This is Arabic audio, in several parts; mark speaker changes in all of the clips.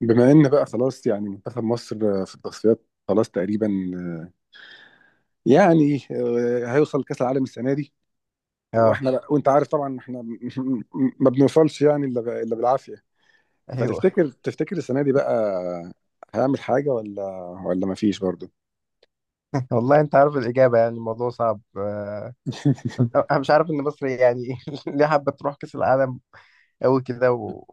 Speaker 1: بما ان بقى خلاص يعني منتخب مصر في التصفيات خلاص تقريبا يعني هيوصل كاس العالم السنه دي.
Speaker 2: اه
Speaker 1: واحنا لا، وانت عارف طبعا احنا ما بنوصلش يعني إلا بالعافيه.
Speaker 2: ايوه
Speaker 1: فتفتكر السنه دي بقى هيعمل حاجه ولا ما فيش برضه؟
Speaker 2: والله انت عارف الاجابه، يعني الموضوع صعب. انا مش عارف ان مصر يعني ليه حابه تروح كاس العالم قوي كده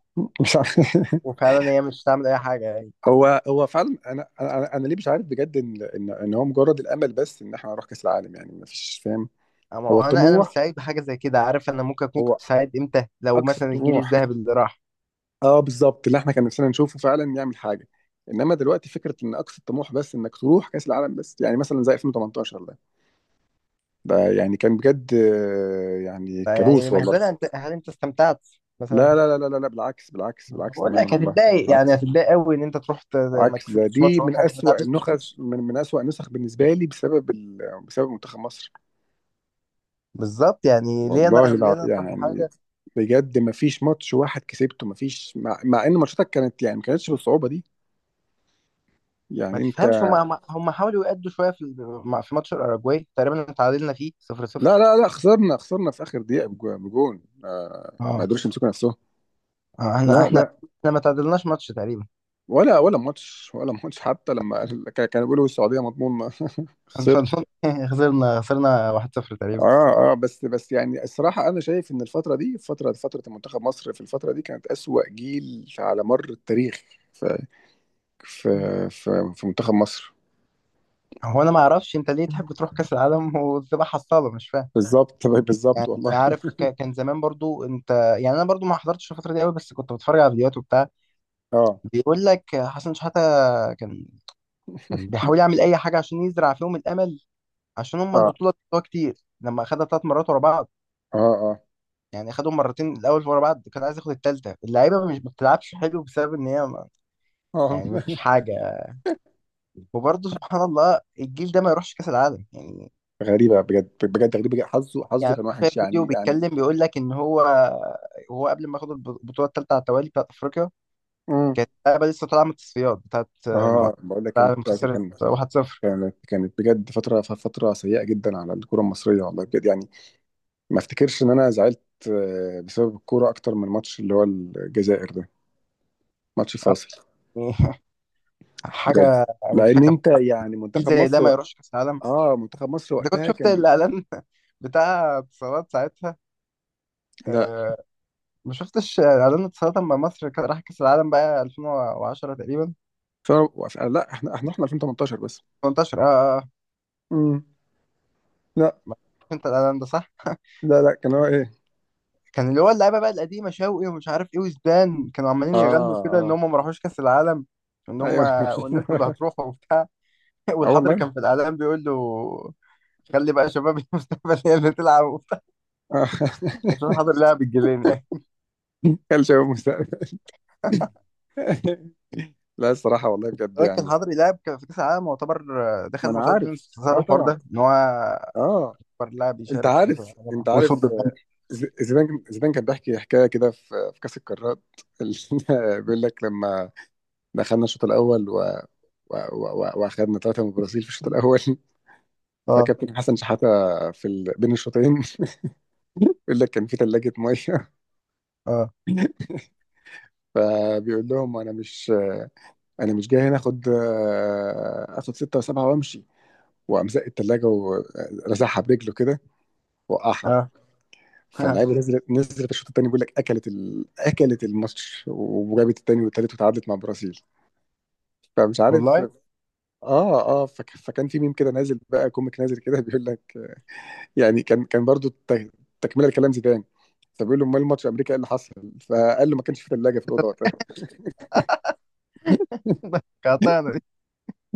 Speaker 1: مش عارف.
Speaker 2: وفعلا هي مش هتعمل اي حاجه يعني.
Speaker 1: هو فعلا انا ليه مش عارف بجد ان هو مجرد الامل بس ان احنا نروح كاس العالم، يعني ما فيش، فاهم؟
Speaker 2: أما هو
Speaker 1: هو
Speaker 2: انا مش
Speaker 1: الطموح،
Speaker 2: سعيد بحاجه زي كده، عارف؟ انا ممكن اكون
Speaker 1: هو
Speaker 2: كنت سعيد امتى؟ لو
Speaker 1: اقصى
Speaker 2: مثلا الجيل
Speaker 1: الطموح.
Speaker 2: الذهبي اللي راح،
Speaker 1: اه بالظبط، اللي احنا كان نفسنا نشوفه فعلا يعمل حاجه. انما دلوقتي فكره ان اقصى الطموح بس انك تروح كاس العالم بس، يعني مثلا زي 2018 ده، ده يعني كان بجد يعني كابوس
Speaker 2: فيعني مهزله.
Speaker 1: والله.
Speaker 2: انت هل انت استمتعت
Speaker 1: لا
Speaker 2: مثلا؟
Speaker 1: لا لا لا لا لا، بالعكس بالعكس بالعكس
Speaker 2: بقول
Speaker 1: تماما
Speaker 2: لك
Speaker 1: والله،
Speaker 2: هتتضايق، يعني
Speaker 1: بالعكس.
Speaker 2: هتتضايق قوي ان انت تروح ما
Speaker 1: عكس ده،
Speaker 2: كسبتش ماتش
Speaker 1: دي من
Speaker 2: واحد ما
Speaker 1: أسوأ
Speaker 2: تعادلتش
Speaker 1: النخس،
Speaker 2: ماتش.
Speaker 1: من أسوأ النسخ بالنسبه لي بسبب بسبب منتخب مصر.
Speaker 2: بالظبط، يعني ليه انا
Speaker 1: والله
Speaker 2: ليه
Speaker 1: لا
Speaker 2: انا أفرح
Speaker 1: يعني،
Speaker 2: بحاجه
Speaker 1: بجد ما فيش ماتش واحد كسبته، ما فيش مع ان ماتشاتك كانت يعني ما كانتش بالصعوبه دي
Speaker 2: ما
Speaker 1: يعني انت.
Speaker 2: تفهمش؟ هم حاولوا يأدوا شويه في في ماتش الاراجواي تقريبا تعادلنا فيه 0
Speaker 1: لا
Speaker 2: 0
Speaker 1: لا لا، خسرنا في اخر دقيقه بجون، ما
Speaker 2: اه،
Speaker 1: قدروش يمسكوا نفسهم.
Speaker 2: آه،
Speaker 1: لا
Speaker 2: احنا احنا
Speaker 1: لا،
Speaker 2: احنا ما تعادلناش ماتش تقريبا.
Speaker 1: ولا ماتش ولا ماتش، حتى لما كانوا بيقولوا السعوديه مضمون
Speaker 2: بس ما
Speaker 1: خسرت.
Speaker 2: أظن- خسرنا 1-0 تقريبا.
Speaker 1: اه اه، بس يعني الصراحه انا شايف ان الفتره دي، فتره منتخب مصر في الفتره دي كانت اسوأ جيل على مر التاريخ في في في منتخب مصر.
Speaker 2: هو انا ما اعرفش انت ليه تحب تروح كاس العالم وتبقى حصاله، مش فاهم
Speaker 1: بالظبط بالظبط
Speaker 2: يعني.
Speaker 1: والله
Speaker 2: عارف كان زمان برضو انت، يعني انا برضو ما حضرتش الفتره دي قوي، بس كنت بتفرج على فيديوهات وبتاع.
Speaker 1: اه
Speaker 2: بيقول لك حسن شحاته كان كان بيحاول يعمل اي حاجه عشان يزرع فيهم الامل، عشان هم
Speaker 1: اه
Speaker 2: البطوله بتوعها كتير لما اخدها ثلاث مرات ورا بعض.
Speaker 1: اه اه
Speaker 2: يعني خدهم مرتين الاول ورا بعض، كان عايز ياخد التالتة. اللعيبه مش ما بتلعبش حلو بسبب ان هي ما،
Speaker 1: اه
Speaker 2: يعني ما فيش حاجه. وبرضه سبحان الله الجيل ده ما يروحش كاس العالم يعني.
Speaker 1: غريبه بجد، بجد غريبه جداً. حظه
Speaker 2: يعني
Speaker 1: كان
Speaker 2: شايف
Speaker 1: وحش
Speaker 2: فيديو
Speaker 1: يعني، يعني.
Speaker 2: بيتكلم، بيقول لك ان هو هو قبل ما ياخد البطوله الثالثه على التوالي بتاعت افريقيا
Speaker 1: مم.
Speaker 2: كانت اللعيبه لسه طالعه من التصفيات بتاعت المؤسسه،
Speaker 1: اه بقول لك، كانت
Speaker 2: العالم خسرت
Speaker 1: كانت
Speaker 2: 1-0.
Speaker 1: كانت كانت بجد فتره سيئه جدا على الكره المصريه والله بجد يعني. ما افتكرش ان انا زعلت بسبب الكوره اكتر من ماتش اللي هو الجزائر ده، ماتش
Speaker 2: آه،
Speaker 1: فاصل
Speaker 2: يعني
Speaker 1: بجد.
Speaker 2: حاجه
Speaker 1: لان
Speaker 2: مضحكه.
Speaker 1: انت يعني
Speaker 2: جيل
Speaker 1: منتخب
Speaker 2: زي ده
Speaker 1: مصر
Speaker 2: ما يروحش كاس العالم!
Speaker 1: اه منتخب مصر
Speaker 2: انت كنت
Speaker 1: وقتها
Speaker 2: شفت
Speaker 1: كان.
Speaker 2: الاعلان بتاع اتصالات ساعتها؟
Speaker 1: لا
Speaker 2: آه، ما شفتش اعلان السلطه، مع مصر كان راح كاس العالم بقى 2010 تقريبا.
Speaker 1: ف... لا احنا احنا 2018 بس.
Speaker 2: 18، اه اه.
Speaker 1: امم لا
Speaker 2: ما- انت الاعلان ده صح
Speaker 1: لا لا، كان هو ايه.
Speaker 2: كان اللي هو اللعيبه بقى القديمه شوقي ومش عارف ايه وزدان كانوا
Speaker 1: اه
Speaker 2: عمالين يغنوا كده ان
Speaker 1: اه
Speaker 2: هم ما راحوش كاس العالم، وان هم
Speaker 1: ايوه
Speaker 2: وان انتوا اللي هتروحوا وبتاع.
Speaker 1: اه
Speaker 2: والحضري
Speaker 1: والله.
Speaker 2: كان في الاعلان بيقول له: خلي بقى شباب المستقبل هي اللي تلعب وبتاع.
Speaker 1: آه.
Speaker 2: عشان الحضري لعب الجيلين يعني.
Speaker 1: كان شباب مستقبل لا الصراحة والله بجد
Speaker 2: لكن
Speaker 1: يعني.
Speaker 2: الحضري لعب، كان في كاس العالم يعتبر
Speaker 1: ما
Speaker 2: دخل
Speaker 1: أنا
Speaker 2: ماتشات
Speaker 1: عارف.
Speaker 2: جيمس بسبب
Speaker 1: أه
Speaker 2: الحوار
Speaker 1: طبعا.
Speaker 2: ده ان هو
Speaker 1: أه.
Speaker 2: اكبر لاعب
Speaker 1: أنت
Speaker 2: يشارك في كاس
Speaker 1: عارف أنت
Speaker 2: العالم
Speaker 1: عارف
Speaker 2: ويصد البنك.
Speaker 1: زيدان كان بيحكي حكاية كده في كأس القارات اللي بيقول لك لما دخلنا الشوط الأول وأخدنا ثلاثة من البرازيل في الشوط الأول
Speaker 2: اه
Speaker 1: فكابتن حسن شحاتة بين الشوطين بيقول لك كان في ثلاجة مية
Speaker 2: اه
Speaker 1: فبيقول لهم أنا مش، انا مش جاي هنا اخد اخد ستة وسبعة وامشي. وقام زق التلاجة ورزعها برجله كده، وقعها.
Speaker 2: اه.
Speaker 1: فاللعيبه نزلت، نزلت الشوط الثاني. بيقول لك اكلت اكلت الماتش وجابت الثاني والثالث وتعادلت مع البرازيل. فمش عارف.
Speaker 2: والله.
Speaker 1: اه اه. فكان في ميم كده نازل بقى، كوميك نازل كده بيقول لك يعني كان برضو تكمله لكلام زيدان. فبيقول له امال الماتش امريكا ايه اللي حصل؟ فقال له ما كانش في ثلاجه في الاوضه وقتها
Speaker 2: قاطعنا دي.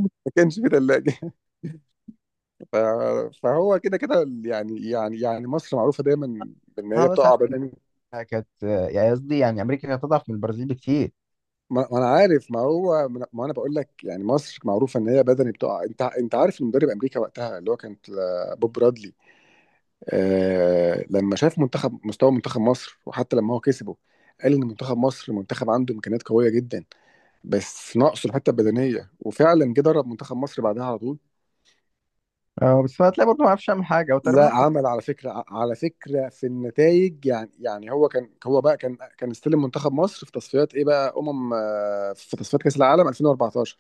Speaker 1: ما كانش في ثلاجه ف... فهو كده كده يعني، يعني مصر معروفه دايما بان هي
Speaker 2: محمد
Speaker 1: بتقع
Speaker 2: ساعات
Speaker 1: بدني.
Speaker 2: كانت، يعني قصدي يعني امريكا كانت اضعف من البرازيل بكتير.
Speaker 1: ما انا عارف. ما هو، ما انا بقول لك يعني مصر معروفه ان هي بدني بتقع. انت عارف المدرب امريكا وقتها اللي هو بوب برادلي. آه لما شاف منتخب، مستوى منتخب مصر، وحتى لما هو كسبه قال ان منتخب مصر منتخب عنده امكانيات قويه جدا، بس ناقصه الحته البدنيه. وفعلا جه درب منتخب مصر بعدها على طول.
Speaker 2: اه بس هتلاقي برضه ما عرفش يعمل حاجه او تقريبا
Speaker 1: لا،
Speaker 2: احسن.
Speaker 1: عمل على فكره، على فكره في النتائج يعني. يعني هو كان، هو بقى كان، كان استلم منتخب مصر في تصفيات ايه بقى، في تصفيات كاس العالم 2014.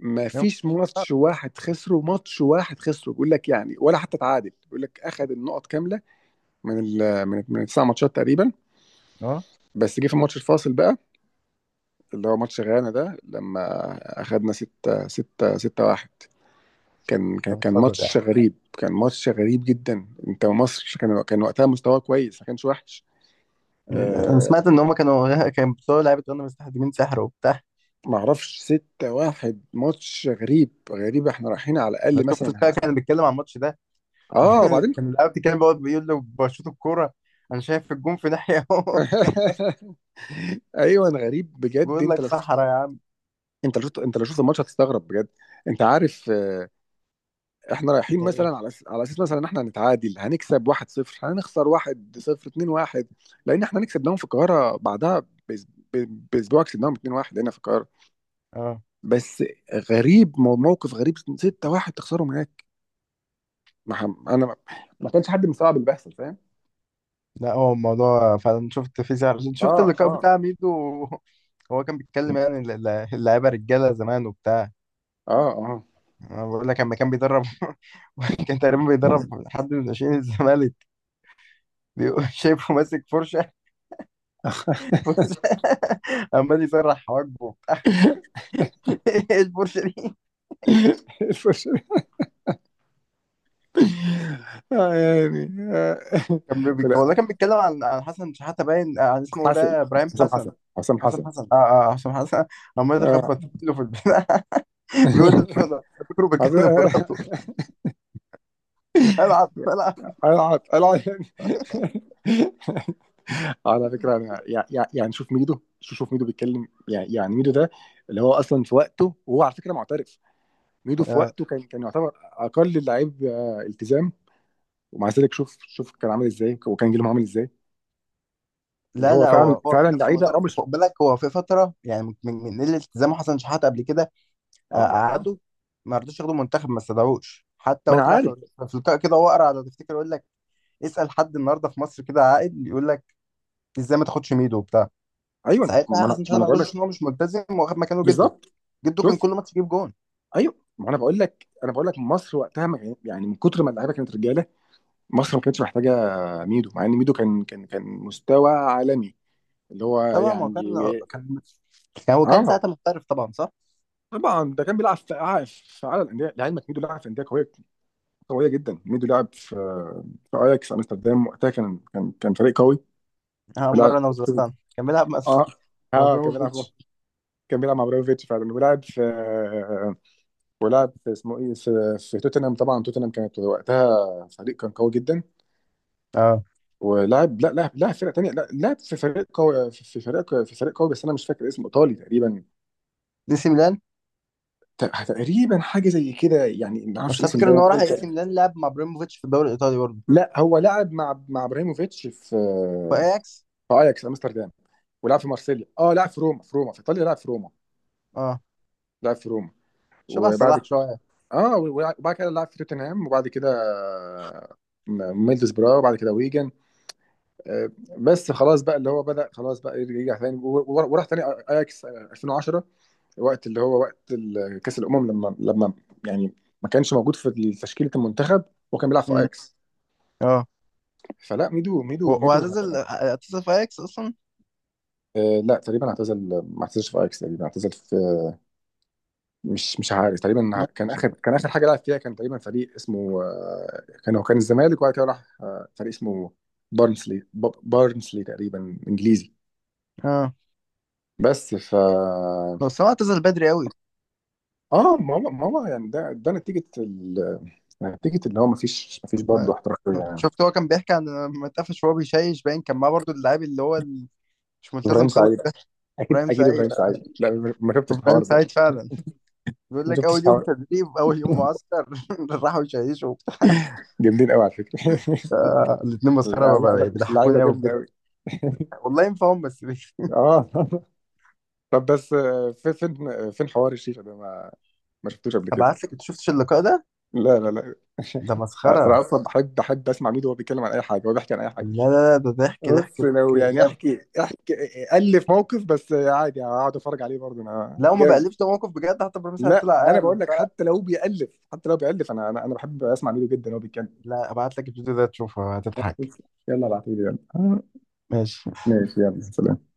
Speaker 1: ما فيش ماتش واحد خسره، ماتش واحد خسره بيقول لك يعني، ولا حتى تعادل بيقول لك. اخذ النقط كامله من من التسع ماتشات تقريبا.
Speaker 2: اه،
Speaker 1: بس جه في الماتش الفاصل بقى، اللي هو ماتش غانا ده، لما اخذنا 6 6 6 1. كان كان
Speaker 2: طب
Speaker 1: كان
Speaker 2: اتفضل يعني.
Speaker 1: ماتش غريب، كان ماتش غريب جدا. انت مصر كان وقتها مستواه كويس، ما كانش وحش.
Speaker 2: انا
Speaker 1: أه
Speaker 2: سمعت ان هم كانوا كان بتوع لعيبه غانا مستخدمين سحر وبتاع.
Speaker 1: معرفش، 6 1، ماتش غريب. غريب، احنا رايحين على
Speaker 2: انا
Speaker 1: الاقل
Speaker 2: شفت
Speaker 1: مثلا
Speaker 2: بقى كان بيتكلم عن الماتش ده.
Speaker 1: اه. وبعدين
Speaker 2: كان اللاعب بيتكلم بيقعد بيقول له بشوط الكوره انا شايف الجون في ناحيه وهو في ناحية.
Speaker 1: ايوه انا. غريب بجد.
Speaker 2: بيقول لك صحرا يا عم.
Speaker 1: انت لو شفت الماتش هتستغرب بجد. انت عارف احنا رايحين
Speaker 2: ايه،
Speaker 1: مثلا على على اساس مثلا ان احنا هنتعادل، هنكسب 1-0، هنخسر 1-0، 2-1. لان احنا هنكسب داون في القاهره بعدها باسبوع. كسبناهم 2-1 هنا في القاهره.
Speaker 2: اه.
Speaker 1: بس غريب، موقف غريب، 6-1 تخسرهم هناك. ما ح- انا ما كانش حد مستوعب اللي بيحصل. فاهم؟
Speaker 2: لا، هو الموضوع فعلا شفت في زعل، شفت
Speaker 1: اه
Speaker 2: اللقاء
Speaker 1: اه
Speaker 2: بتاع ميدو. هو كان بيتكلم، يعني اللعيبه رجاله زمان وبتاع.
Speaker 1: اه اه
Speaker 2: انا بقول لك لما كان بيدرب كان تقريبا بيدرب حد من ناشئين الزمالك، بيقول شايفه ماسك فرشه فرشه. عمال يسرح حواجبه وبتاع. ايه الفرشه دي؟
Speaker 1: الفش- آه، يعني آه، فلا،
Speaker 2: والله كان بيتكلم عن عن حسن شحاته، باين عن اسمه
Speaker 1: حسن
Speaker 2: ده ابراهيم
Speaker 1: حسام حسن
Speaker 2: حسن.
Speaker 1: حسام حسن
Speaker 2: حسام حسن. اه اه، حسام حسن. عمال
Speaker 1: آه.
Speaker 2: يخبط له في البتاع. بيقول له انا فاكره
Speaker 1: عايز-
Speaker 2: بيتكلم مراته. العب العب.
Speaker 1: العب العب يعني على فكره انا يعني شوف ميدو بيتكلم يعني، يعني ميدو ده اللي هو اصلا في وقته، وهو على فكره معترف. ميدو في
Speaker 2: آه.
Speaker 1: وقته كان يعتبر اقل اللعيب التزام. ومع ذلك شوف، شوف كان عامل ازاي، وكان جيلهم عامل ازاي. اللي
Speaker 2: لا
Speaker 1: هو
Speaker 2: لا،
Speaker 1: فعلا
Speaker 2: هو هو في
Speaker 1: فعلا
Speaker 2: نفسه
Speaker 1: لعيبه، اه
Speaker 2: معترف،
Speaker 1: مش.
Speaker 2: خد بالك. هو في فتره يعني من قله التزامه، حسن شحاته قبل كده
Speaker 1: اه اه
Speaker 2: قعدوا ما رضوش ياخدوا المنتخب، ما استدعوش. حتى
Speaker 1: ما
Speaker 2: هو
Speaker 1: انا
Speaker 2: طلع
Speaker 1: عارف.
Speaker 2: في في لقاء كده، هو قرع، لو تفتكر يقول لك: اسال حد النهارده في مصر كده عاقل يقول لك ازاي ما تاخدش ميدو وبتاع.
Speaker 1: ايوه ما
Speaker 2: ساعتها
Speaker 1: انا
Speaker 2: حسن
Speaker 1: ما
Speaker 2: شحاته
Speaker 1: انا
Speaker 2: ما
Speaker 1: بقول
Speaker 2: رضوش
Speaker 1: لك،
Speaker 2: عشان هو مش ملتزم، واخد مكانه جده.
Speaker 1: بالظبط.
Speaker 2: جده كان
Speaker 1: شوف.
Speaker 2: كل ماتش يجيب جون.
Speaker 1: ايوه ما انا بقول لك انا بقول لك مصر وقتها ما كان- يعني من كتر ما اللعيبه كانت رجاله، مصر ما كانتش محتاجه ميدو. مع ان ميدو كان مستوى عالمي اللي هو
Speaker 2: طبعا ما هو
Speaker 1: يعني.
Speaker 2: كان يعني هو كان
Speaker 1: اه
Speaker 2: ساعتها محترف طبعا، صح؟
Speaker 1: طبعا. ده كان بيلعب في اعلى الانديه لعلمك. ميدو لعب في انديه قويه، قويه جدا. ميدو لعب في اياكس امستردام، وقتها كان فريق قوي. ولعب.
Speaker 2: مره انا وزرتان كان بيلعب مع
Speaker 1: اه
Speaker 2: مع
Speaker 1: اه. كان بيلعب
Speaker 2: ابراهيموفيتش.
Speaker 1: كان بيلعب مع ابراهيموفيتش فعلا. ولعب في اسمه ايه، في توتنهام. طبعا توتنهام كانت وقتها فريق كان قوي جدا.
Speaker 2: اه،
Speaker 1: ولعب. لا لعب فرقه تانيه. لا لعب في فريق قوي، في فريق قوي، بس انا مش فاكر اسمه. ايطالي تقريبا.
Speaker 2: نسي ميلان.
Speaker 1: تقريبًا حاجة زي كده، يعني ما أعرفش
Speaker 2: بس أنا
Speaker 1: إيه
Speaker 2: فاكر ان
Speaker 1: ده
Speaker 2: هو راح اي
Speaker 1: إمتى.
Speaker 2: سي ميلان لعب مع ابراهيموفيتش في الدوري الايطالي برضه.
Speaker 1: لأ، هو لعب مع إبراهيموفيتش في
Speaker 2: واياكس.
Speaker 1: في أياكس أمستردام، ولعب في مارسيليا. آه لعب في روما، في روما، في إيطاليا. لعب في روما،
Speaker 2: اه،
Speaker 1: لعب في روما.
Speaker 2: شبه
Speaker 1: وبعد
Speaker 2: صلاح
Speaker 1: ك
Speaker 2: شويه.
Speaker 1: آه، و وبعد كده لعب في توتنهام. وبعد كده ميدلزبرا. وبعد كده ويجن. آآ، بس خلاص بقى اللي هو بدأ خلاص بقى يرجع تاني، و و وراح تاني أياكس 2010. وقت اللي هو وقت كأس الأمم، لمّا يعني ما كانش موجود في تشكيلة المنتخب، وهو كان بيلعب في
Speaker 2: مم.
Speaker 1: أياكس.
Speaker 2: اه
Speaker 1: فلا ميدو ميدو ميدو
Speaker 2: واعتزل في اياكس اصلا.
Speaker 1: لا تقريبا اعتزل، ما اعتزلش في اياكس تقريبا. اعتزل في، مش عارف. تقريبا
Speaker 2: ما-
Speaker 1: كان اخر حاجه لعب فيها كان تقريبا فريق اسمه كان، هو كان الزمالك. وبعد كده راح فريق اسمه بارنسلي، بارنسلي تقريبا، انجليزي.
Speaker 2: اه
Speaker 1: بس ف
Speaker 2: بس هو اعتزل بدري قوي.
Speaker 1: اه ما هو يعني ده نتيجه نتيجه اللي هو ما فيش برضه
Speaker 2: ما...
Speaker 1: احتراف يعني.
Speaker 2: شفت هو كان بيحكي عن لما اتقفش وهو بيشيش، باين كان معاه برضه اللاعب اللي هو مش
Speaker 1: ابراهيم
Speaker 2: ملتزم خالص
Speaker 1: سعيد،
Speaker 2: ده،
Speaker 1: اكيد
Speaker 2: ابراهيم
Speaker 1: اكيد ابراهيم
Speaker 2: سعيد. اه،
Speaker 1: سعيد. لا ما شفتش
Speaker 2: ابراهيم
Speaker 1: الحوار ده.
Speaker 2: سعيد فعلا. بيقول
Speaker 1: ما
Speaker 2: لك
Speaker 1: شفتش
Speaker 2: اول يوم
Speaker 1: الحوار.
Speaker 2: تدريب، اول يوم معسكر راحوا يشيشوا وبتاع.
Speaker 1: جامدين قوي على فكره
Speaker 2: الاتنين
Speaker 1: لا
Speaker 2: مسخره بقى
Speaker 1: لا، لعيبه
Speaker 2: بيضحكوني قوي
Speaker 1: جامده
Speaker 2: بجد.
Speaker 1: قوي
Speaker 2: والله ينفعهم، بس ليه؟
Speaker 1: اه طب بس فين حوار الشيشه ده. ما شفتوش قبل كده.
Speaker 2: هبعت لك، انت شفتش اللقاء ده؟
Speaker 1: لا لا لا
Speaker 2: ده مسخره.
Speaker 1: انا اصلا بحب اسمع ميدو وهو بيتكلم عن اي حاجه. هو بيحكي عن اي حاجه.
Speaker 2: لا لا لا، ده ضحك ضحك
Speaker 1: بص لو
Speaker 2: ضحك
Speaker 1: يعني
Speaker 2: جامد.
Speaker 1: احكي، احكي الف موقف، بس عادي هقعد اتفرج عليه برضه انا
Speaker 2: لو ما
Speaker 1: جامد.
Speaker 2: بقلبش ده موقف بجد، حتى بروفيسور
Speaker 1: لا،
Speaker 2: طلع
Speaker 1: انا
Speaker 2: قال
Speaker 1: بقول لك
Speaker 2: وبتاع.
Speaker 1: حتى لو بيالف، حتى لو بيالف، انا بحب اسمع ميدو جدا وهو بيتكلم.
Speaker 2: لا، ابعت لك الفيديو ده تشوفه هتضحك.
Speaker 1: يلا ابعتولي. يلا.
Speaker 2: ماشي.
Speaker 1: ماشي. يلا سلام.